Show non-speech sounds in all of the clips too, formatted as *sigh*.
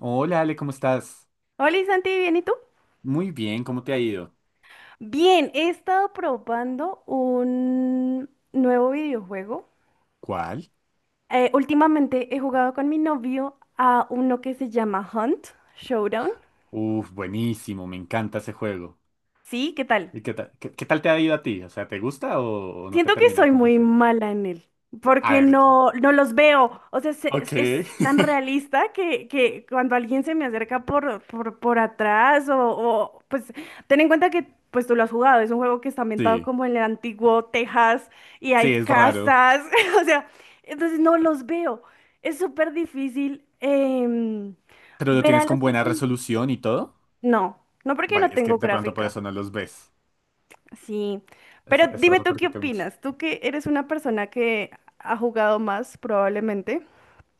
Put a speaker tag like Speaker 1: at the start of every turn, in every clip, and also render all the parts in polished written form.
Speaker 1: Hola Ale, ¿cómo estás?
Speaker 2: Hola Santi, ¿bien y tú?
Speaker 1: Muy bien, ¿cómo te ha ido?
Speaker 2: Bien, he estado probando un nuevo videojuego.
Speaker 1: ¿Cuál?
Speaker 2: Últimamente he jugado con mi novio a uno que se llama Hunt Showdown.
Speaker 1: Uf, buenísimo, me encanta ese juego.
Speaker 2: Sí, ¿qué tal?
Speaker 1: ¿Y qué tal te ha ido a ti? O sea, ¿te gusta o no te
Speaker 2: Siento que
Speaker 1: termina de
Speaker 2: soy muy
Speaker 1: convencer?
Speaker 2: mala en él,
Speaker 1: A
Speaker 2: porque
Speaker 1: ver,
Speaker 2: no los veo. O sea, se- es,
Speaker 1: ok.
Speaker 2: es tan
Speaker 1: *laughs*
Speaker 2: realista que cuando alguien se me acerca por atrás pues ten en cuenta que pues tú lo has jugado, es un juego que está ambientado
Speaker 1: Sí,
Speaker 2: como en el antiguo Texas y
Speaker 1: sí,
Speaker 2: hay
Speaker 1: es raro.
Speaker 2: casas, *laughs* o sea, entonces no los veo. Es súper difícil
Speaker 1: ¿Pero lo
Speaker 2: ver a
Speaker 1: tienes con
Speaker 2: las
Speaker 1: buena
Speaker 2: personas.
Speaker 1: resolución y todo?
Speaker 2: No, no porque
Speaker 1: Vale,
Speaker 2: no
Speaker 1: es que
Speaker 2: tengo
Speaker 1: de pronto por
Speaker 2: gráfica.
Speaker 1: eso no los ves.
Speaker 2: Sí, pero
Speaker 1: Eso
Speaker 2: dime tú qué
Speaker 1: repercute mucho.
Speaker 2: opinas, tú que eres una persona que ha jugado más probablemente.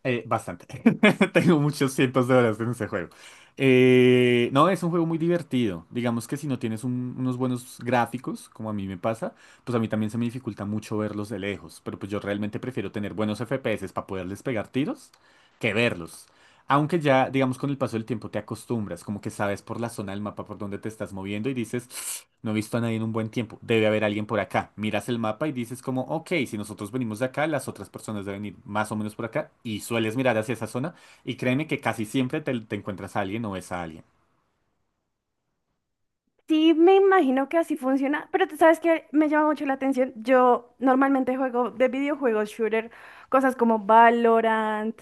Speaker 1: Bastante. *laughs* Tengo muchos cientos de horas en ese juego. No, es un juego muy divertido. Digamos que si no tienes unos buenos gráficos, como a mí me pasa, pues a mí también se me dificulta mucho verlos de lejos. Pero pues yo realmente prefiero tener buenos FPS para poderles pegar tiros que verlos. Aunque ya, digamos, con el paso del tiempo te acostumbras, como que sabes por la zona del mapa por donde te estás moviendo y dices, "Ps, no he visto a nadie en un buen tiempo, debe haber alguien por acá". Miras el mapa y dices como, ok, si nosotros venimos de acá, las otras personas deben ir más o menos por acá y sueles mirar hacia esa zona y créeme que casi siempre te encuentras a alguien o ves a alguien.
Speaker 2: Sí, me imagino que así funciona, pero tú sabes que me llama mucho la atención. Yo normalmente juego de videojuegos shooter, cosas como Valorant,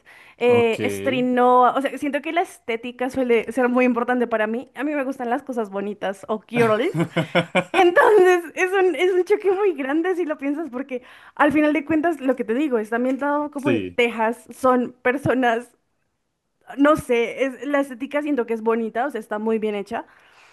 Speaker 1: Ok.
Speaker 2: Strinoa, o sea, siento que la estética suele ser muy importante para mí. A mí me gustan las cosas bonitas o girlies.
Speaker 1: *laughs*
Speaker 2: Entonces, es un choque muy grande si lo piensas, porque al final de cuentas, lo que te digo, está ambientado como en
Speaker 1: Sí,
Speaker 2: Texas, son personas, no sé, es, la estética siento que es bonita, o sea, está muy bien hecha.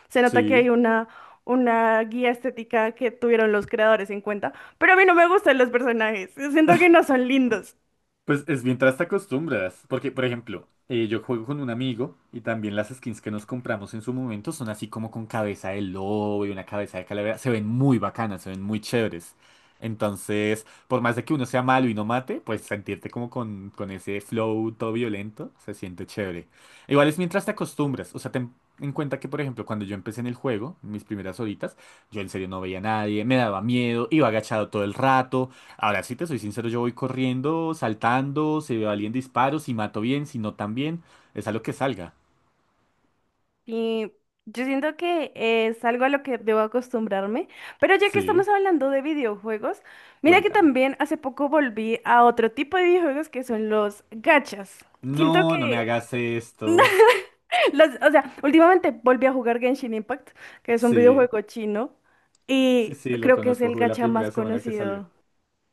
Speaker 2: Se nota que hay
Speaker 1: sí.
Speaker 2: una guía estética que tuvieron los creadores en cuenta, pero a mí no me gustan los personajes, siento que no son lindos.
Speaker 1: Pues es mientras te acostumbras, porque por ejemplo, yo juego con un amigo y también las skins que nos compramos en su momento son así como con cabeza de lobo y una cabeza de calavera, se ven muy bacanas, se ven muy chéveres. Entonces, por más de que uno sea malo y no mate, pues sentirte como con ese flow todo violento se siente chévere. Igual es mientras te acostumbras, o sea, ten en cuenta que por ejemplo cuando yo empecé en el juego, mis primeras horitas, yo en serio no veía a nadie, me daba miedo, iba agachado todo el rato. Ahora, si te soy sincero, yo voy corriendo, saltando, se valían disparos, si mato bien, si no tan bien, es a lo que salga.
Speaker 2: Y yo siento que es algo a lo que debo acostumbrarme. Pero ya que
Speaker 1: Sí,
Speaker 2: estamos hablando de videojuegos, mira que
Speaker 1: cuéntame.
Speaker 2: también hace poco volví a otro tipo de videojuegos que son los gachas. Siento
Speaker 1: No, no me
Speaker 2: que
Speaker 1: hagas esto.
Speaker 2: *laughs* o sea, últimamente volví a jugar Genshin Impact, que es un
Speaker 1: Sí,
Speaker 2: videojuego chino,
Speaker 1: sí,
Speaker 2: y
Speaker 1: sí, lo
Speaker 2: creo que es
Speaker 1: conozco,
Speaker 2: el
Speaker 1: jugué la
Speaker 2: gacha más
Speaker 1: primera semana que salió.
Speaker 2: conocido.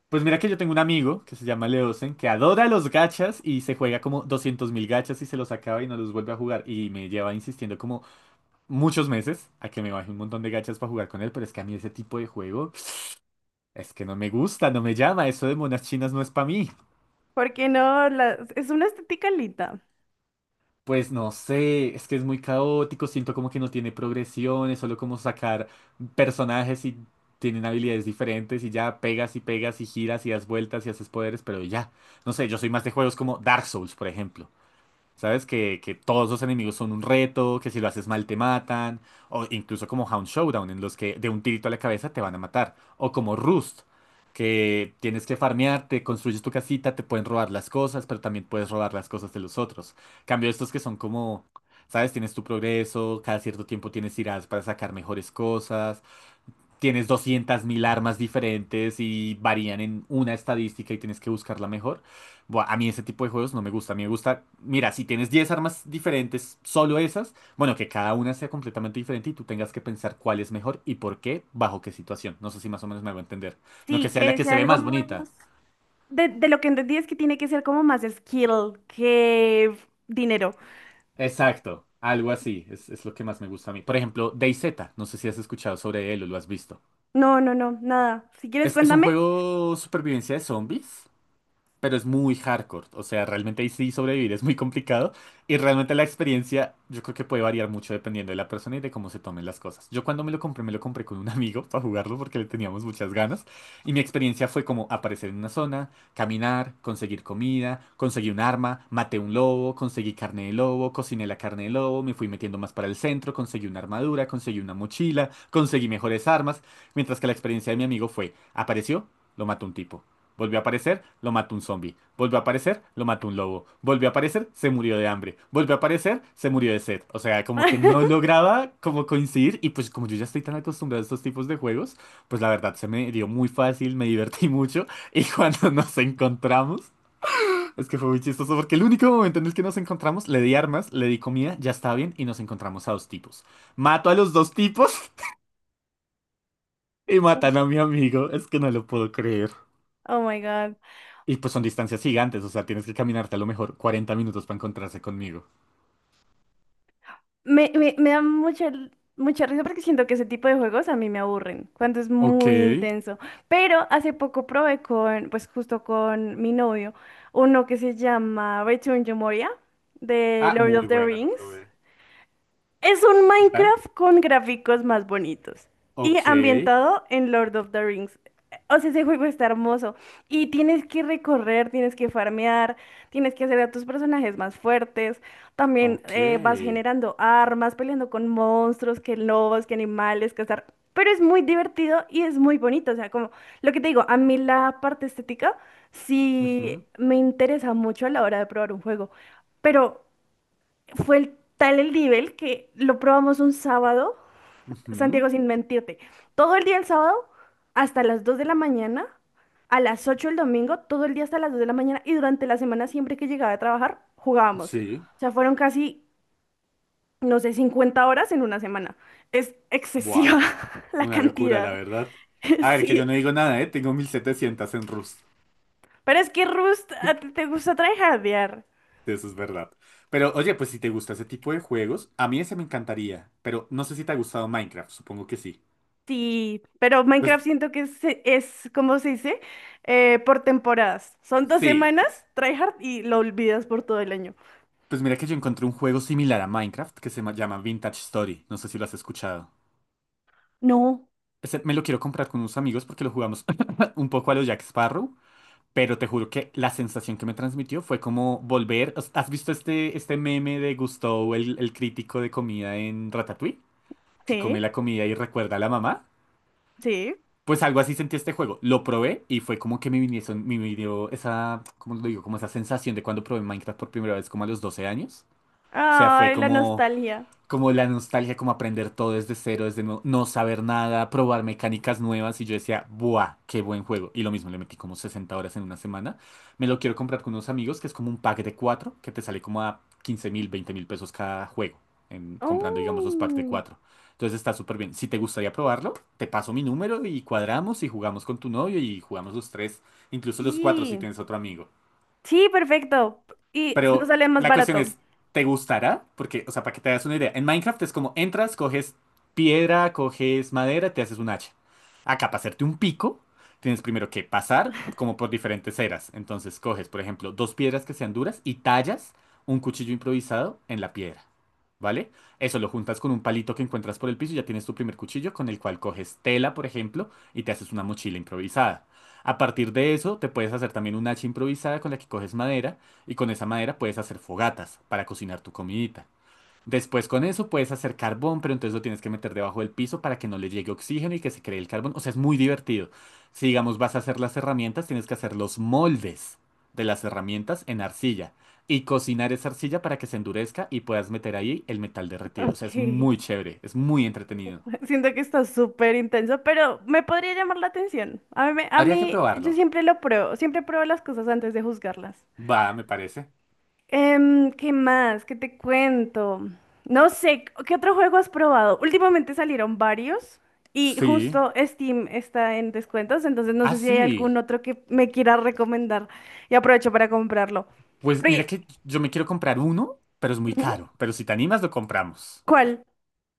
Speaker 1: Pues mira que yo tengo un amigo que se llama Leosen, que adora los gachas y se juega como 200 mil gachas y se los acaba y no los vuelve a jugar. Y me lleva insistiendo como muchos meses a que me baje un montón de gachas para jugar con él, pero es que a mí ese tipo de juego es que no me gusta, no me llama, eso de monas chinas no es para mí.
Speaker 2: Porque no, es una estética linda.
Speaker 1: Pues no sé, es que es muy caótico, siento como que no tiene progresión, es solo como sacar personajes y tienen habilidades diferentes y ya pegas y pegas y giras y das vueltas y haces poderes, pero ya. No sé, yo soy más de juegos como Dark Souls, por ejemplo. ¿Sabes? Que todos los enemigos son un reto, que si lo haces mal te matan, o incluso como Hound Showdown, en los que de un tirito a la cabeza te van a matar, o como Rust, que tienes que farmearte, construyes tu casita, te pueden robar las cosas, pero también puedes robar las cosas de los otros. Cambio estos que son como, ¿sabes? Tienes tu progreso, cada cierto tiempo tienes tiradas para sacar mejores cosas, tienes 200.000 armas diferentes y varían en una estadística y tienes que buscar la mejor. Buah, a mí ese tipo de juegos no me gusta. A mí me gusta, mira, si tienes 10 armas diferentes, solo esas, bueno, que cada una sea completamente diferente y tú tengas que pensar cuál es mejor y por qué, bajo qué situación. No sé si más o menos me hago entender. No que
Speaker 2: Sí,
Speaker 1: sea la
Speaker 2: que
Speaker 1: que
Speaker 2: sea
Speaker 1: se ve
Speaker 2: algo
Speaker 1: más
Speaker 2: más.
Speaker 1: bonita.
Speaker 2: De lo que entendí es que tiene que ser como más skill que dinero.
Speaker 1: Exacto, algo así, es lo que más me gusta a mí. Por ejemplo, DayZ, no sé si has escuchado sobre él o lo has visto.
Speaker 2: No, no, no, nada. Si quieres,
Speaker 1: Es un
Speaker 2: cuéntame.
Speaker 1: juego supervivencia de zombies pero es muy hardcore. O sea, realmente ahí sí sobrevivir es muy complicado. Y realmente la experiencia yo creo que puede variar mucho dependiendo de la persona y de cómo se tomen las cosas. Yo cuando me lo compré con un amigo para jugarlo porque le teníamos muchas ganas. Y mi experiencia fue como aparecer en una zona, caminar, conseguir comida, conseguí un arma, maté un lobo, conseguí carne de lobo, cociné la carne de lobo, me fui metiendo más para el centro, conseguí una armadura, conseguí una mochila, conseguí mejores armas. Mientras que la experiencia de mi amigo fue, apareció, lo mató un tipo. Volvió a aparecer, lo mató un zombie. Volvió a aparecer, lo mató un lobo. Volvió a aparecer, se murió de hambre. Volvió a aparecer, se murió de sed. O sea, como que no
Speaker 2: *laughs*
Speaker 1: lograba como coincidir y pues como yo ya estoy tan acostumbrado a estos tipos de juegos, pues la verdad se me dio muy fácil, me divertí mucho y cuando *laughs* nos encontramos, es que fue muy chistoso porque el único momento en el que nos encontramos, le di armas, le di comida, ya está bien y nos encontramos a dos tipos. Mato a los dos tipos *laughs* y matan a mi amigo, es que no lo puedo creer.
Speaker 2: Oh my God.
Speaker 1: Y pues son distancias gigantes, o sea, tienes que caminarte a lo mejor 40 minutos para encontrarse conmigo.
Speaker 2: Me da mucha, mucha risa porque siento que ese tipo de juegos a mí me aburren, cuando es
Speaker 1: Ok.
Speaker 2: muy intenso. Pero hace poco probé con, pues justo con mi novio, uno que se llama Return to Moria, de
Speaker 1: Ah,
Speaker 2: Lord of
Speaker 1: muy
Speaker 2: the
Speaker 1: bueno, lo
Speaker 2: Rings.
Speaker 1: probé.
Speaker 2: Es un
Speaker 1: ¿Qué tal?
Speaker 2: Minecraft con gráficos más bonitos y
Speaker 1: Ok,
Speaker 2: ambientado en Lord of the Rings. O sea, ese juego está hermoso y tienes que recorrer, tienes que farmear, tienes que hacer a tus personajes más fuertes. También vas
Speaker 1: ok.
Speaker 2: generando armas, peleando con monstruos, que lobos, que animales, cazar. Pero es muy divertido y es muy bonito. O sea, como lo que te digo, a mí la parte estética sí
Speaker 1: Ujú,
Speaker 2: me interesa mucho a la hora de probar un juego. Pero fue el, tal el nivel que lo probamos un sábado,
Speaker 1: ujú.
Speaker 2: Santiago, sin mentirte, todo el día el sábado hasta las 2 de la mañana, a las 8 el domingo, todo el día hasta las 2 de la mañana y durante la semana siempre que llegaba a trabajar jugábamos.
Speaker 1: Sí.
Speaker 2: O sea, fueron casi, no sé, 50 horas en una semana. Es
Speaker 1: Buah,
Speaker 2: excesiva *laughs* la
Speaker 1: una locura, la
Speaker 2: cantidad.
Speaker 1: verdad.
Speaker 2: *laughs*
Speaker 1: A ver, que yo no
Speaker 2: Sí.
Speaker 1: digo nada, ¿eh? Tengo 1.700 en Rust.
Speaker 2: Pero es que Rust, a ti
Speaker 1: *laughs*
Speaker 2: te gusta tryhardear.
Speaker 1: Eso es verdad. Pero oye, pues si te gusta ese tipo de juegos, a mí ese me encantaría. Pero no sé si te ha gustado Minecraft, supongo que sí.
Speaker 2: Sí, pero
Speaker 1: Pues
Speaker 2: Minecraft siento que es ¿cómo se dice? Por temporadas. Son dos
Speaker 1: sí,
Speaker 2: semanas, tryhard, y lo olvidas por todo el año.
Speaker 1: pues mira que yo encontré un juego similar a Minecraft que se llama Vintage Story. No sé si lo has escuchado.
Speaker 2: No.
Speaker 1: Ese me lo quiero comprar con unos amigos porque lo jugamos *laughs* un poco a los Jack Sparrow, pero te juro que la sensación que me transmitió fue como volver. ¿Has visto este meme de Gusteau, el crítico de comida en Ratatouille? Que come la
Speaker 2: Sí,
Speaker 1: comida y recuerda a la mamá.
Speaker 2: sí.
Speaker 1: Pues algo así sentí este juego. Lo probé y fue como que me vinieron, me vino esa, ¿cómo lo digo? Como esa sensación de cuando probé Minecraft por primera vez, como a los 12 años. O sea, fue
Speaker 2: Ay, la
Speaker 1: como.
Speaker 2: nostalgia.
Speaker 1: como la nostalgia, como aprender todo desde cero, desde no, no saber nada, probar mecánicas nuevas. Y yo decía, ¡buah! ¡Qué buen juego! Y lo mismo, le metí como 60 horas en una semana. Me lo quiero comprar con unos amigos, que es como un pack de cuatro, que te sale como a 15.000, 20.000 pesos cada juego, comprando, digamos, los packs de
Speaker 2: Oh,
Speaker 1: cuatro. Entonces está súper bien. Si te gustaría probarlo, te paso mi número y cuadramos y jugamos con tu novio y jugamos los tres, incluso los cuatro si
Speaker 2: sí.
Speaker 1: tienes otro amigo.
Speaker 2: Sí, perfecto. Y nos
Speaker 1: Pero
Speaker 2: sale más
Speaker 1: la cuestión
Speaker 2: barato.
Speaker 1: es, ¿te gustará? Porque, o sea, para que te hagas una idea, en Minecraft es como entras, coges piedra, coges madera, te haces un hacha. Acá, para hacerte un pico, tienes primero que pasar como por diferentes eras. Entonces, coges, por ejemplo, dos piedras que sean duras y tallas un cuchillo improvisado en la piedra. ¿Vale? Eso lo juntas con un palito que encuentras por el piso y ya tienes tu primer cuchillo con el cual coges tela, por ejemplo, y te haces una mochila improvisada. A partir de eso, te puedes hacer también un hacha improvisada con la que coges madera y con esa madera puedes hacer fogatas para cocinar tu comidita. Después con eso puedes hacer carbón, pero entonces lo tienes que meter debajo del piso para que no le llegue oxígeno y que se cree el carbón. O sea, es muy divertido. Si digamos vas a hacer las herramientas, tienes que hacer los moldes de las herramientas en arcilla y cocinar esa arcilla para que se endurezca y puedas meter ahí el metal derretido. O sea, es
Speaker 2: Ok.
Speaker 1: muy chévere, es muy entretenido.
Speaker 2: *laughs* Siento que está súper intenso, pero me podría llamar la atención. A mí, a
Speaker 1: Habría que
Speaker 2: mí, yo
Speaker 1: probarlo.
Speaker 2: siempre lo pruebo, siempre pruebo las cosas antes de juzgarlas.
Speaker 1: Va, me parece.
Speaker 2: ¿Qué más? ¿Qué te cuento? No sé, ¿qué otro juego has probado? Últimamente salieron varios y
Speaker 1: Sí.
Speaker 2: justo Steam está en descuentos, entonces no
Speaker 1: Ah,
Speaker 2: sé si hay algún
Speaker 1: sí.
Speaker 2: otro que me quiera recomendar y aprovecho para comprarlo.
Speaker 1: Pues
Speaker 2: Pero,
Speaker 1: mira
Speaker 2: y-
Speaker 1: que yo me quiero comprar uno, pero es muy
Speaker 2: Ujú.
Speaker 1: caro. Pero si te animas, lo compramos.
Speaker 2: ¿Cuál?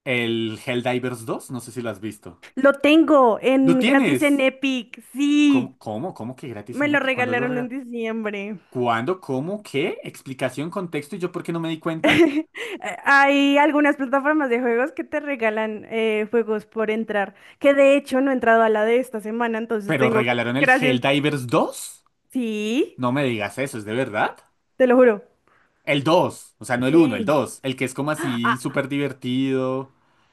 Speaker 1: El Helldivers dos, no sé si lo has visto.
Speaker 2: Lo tengo
Speaker 1: ¡Lo
Speaker 2: en gratis en
Speaker 1: tienes!
Speaker 2: Epic, sí,
Speaker 1: ¿Cómo, cómo, cómo que gratis
Speaker 2: me
Speaker 1: en
Speaker 2: lo
Speaker 1: Epic? ¿Cuándo lo
Speaker 2: regalaron en
Speaker 1: regalaron?
Speaker 2: diciembre.
Speaker 1: ¿Cuándo? ¿Cómo? ¿Qué? ¿Explicación, contexto? ¿Y yo por qué no me di cuenta?
Speaker 2: Hay algunas plataformas de juegos que te regalan juegos por entrar, que de hecho no he entrado a la de esta semana, entonces
Speaker 1: ¿Pero
Speaker 2: tengo,
Speaker 1: regalaron el
Speaker 2: gracias,
Speaker 1: Helldivers dos?
Speaker 2: sí,
Speaker 1: No me digas eso, ¿es de verdad?
Speaker 2: te lo juro.
Speaker 1: El dos, o sea, no el uno, el
Speaker 2: Sí.
Speaker 1: 2. El que es como así
Speaker 2: Ah,
Speaker 1: súper divertido.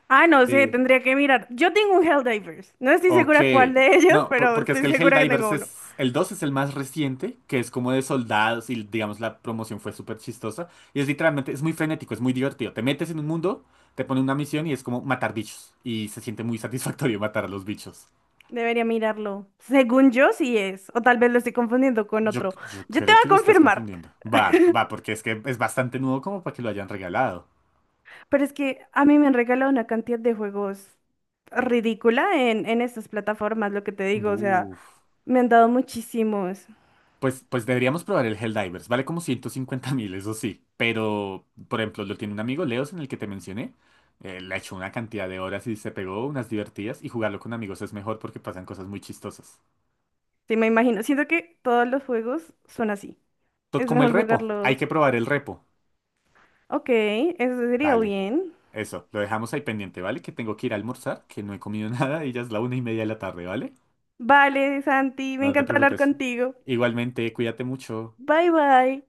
Speaker 2: no sé,
Speaker 1: eh,
Speaker 2: tendría que mirar. Yo tengo un Helldivers. No estoy
Speaker 1: Ok.
Speaker 2: segura cuál de *laughs* ellos,
Speaker 1: No,
Speaker 2: pero
Speaker 1: porque es
Speaker 2: estoy
Speaker 1: que el
Speaker 2: segura que tengo
Speaker 1: Helldivers
Speaker 2: uno.
Speaker 1: es. El 2 es el más reciente, que es como de soldados y digamos la promoción fue súper chistosa. Y es literalmente, es muy frenético, es muy divertido. Te metes en un mundo, te pone una misión y es como matar bichos. Y se siente muy *laughs* satisfactorio matar a los bichos.
Speaker 2: Debería mirarlo. Según yo, sí es. O tal vez lo estoy confundiendo con
Speaker 1: Yo,
Speaker 2: otro.
Speaker 1: yo
Speaker 2: Yo te
Speaker 1: creo
Speaker 2: voy a
Speaker 1: que lo estás
Speaker 2: confirmar.
Speaker 1: confundiendo. Va, va, porque es que es bastante nuevo como para que lo hayan regalado.
Speaker 2: Pero es que a mí me han regalado una cantidad de juegos ridícula en estas plataformas, lo que te digo. O sea,
Speaker 1: Buf.
Speaker 2: me han dado muchísimos.
Speaker 1: Pues deberíamos probar el Helldivers. Vale como 150.000, eso sí. Pero, por ejemplo, lo tiene un amigo, Leos, en el que te mencioné. Le ha hecho una cantidad de horas y se pegó unas divertidas. Y jugarlo con amigos es mejor porque pasan cosas muy chistosas.
Speaker 2: Sí, me imagino. Siento que todos los juegos son así.
Speaker 1: Tot
Speaker 2: Es
Speaker 1: como el
Speaker 2: mejor
Speaker 1: repo. Hay
Speaker 2: jugarlos.
Speaker 1: que probar el repo.
Speaker 2: Ok, eso sería
Speaker 1: Dale.
Speaker 2: bien.
Speaker 1: Eso, lo dejamos ahí pendiente, ¿vale? Que tengo que ir a almorzar, que no he comido *laughs* nada y ya es la 1:30 de la tarde, ¿vale?
Speaker 2: Vale, Santi, me
Speaker 1: No te
Speaker 2: encantó hablar
Speaker 1: preocupes.
Speaker 2: contigo.
Speaker 1: Igualmente, cuídate mucho.
Speaker 2: Bye bye.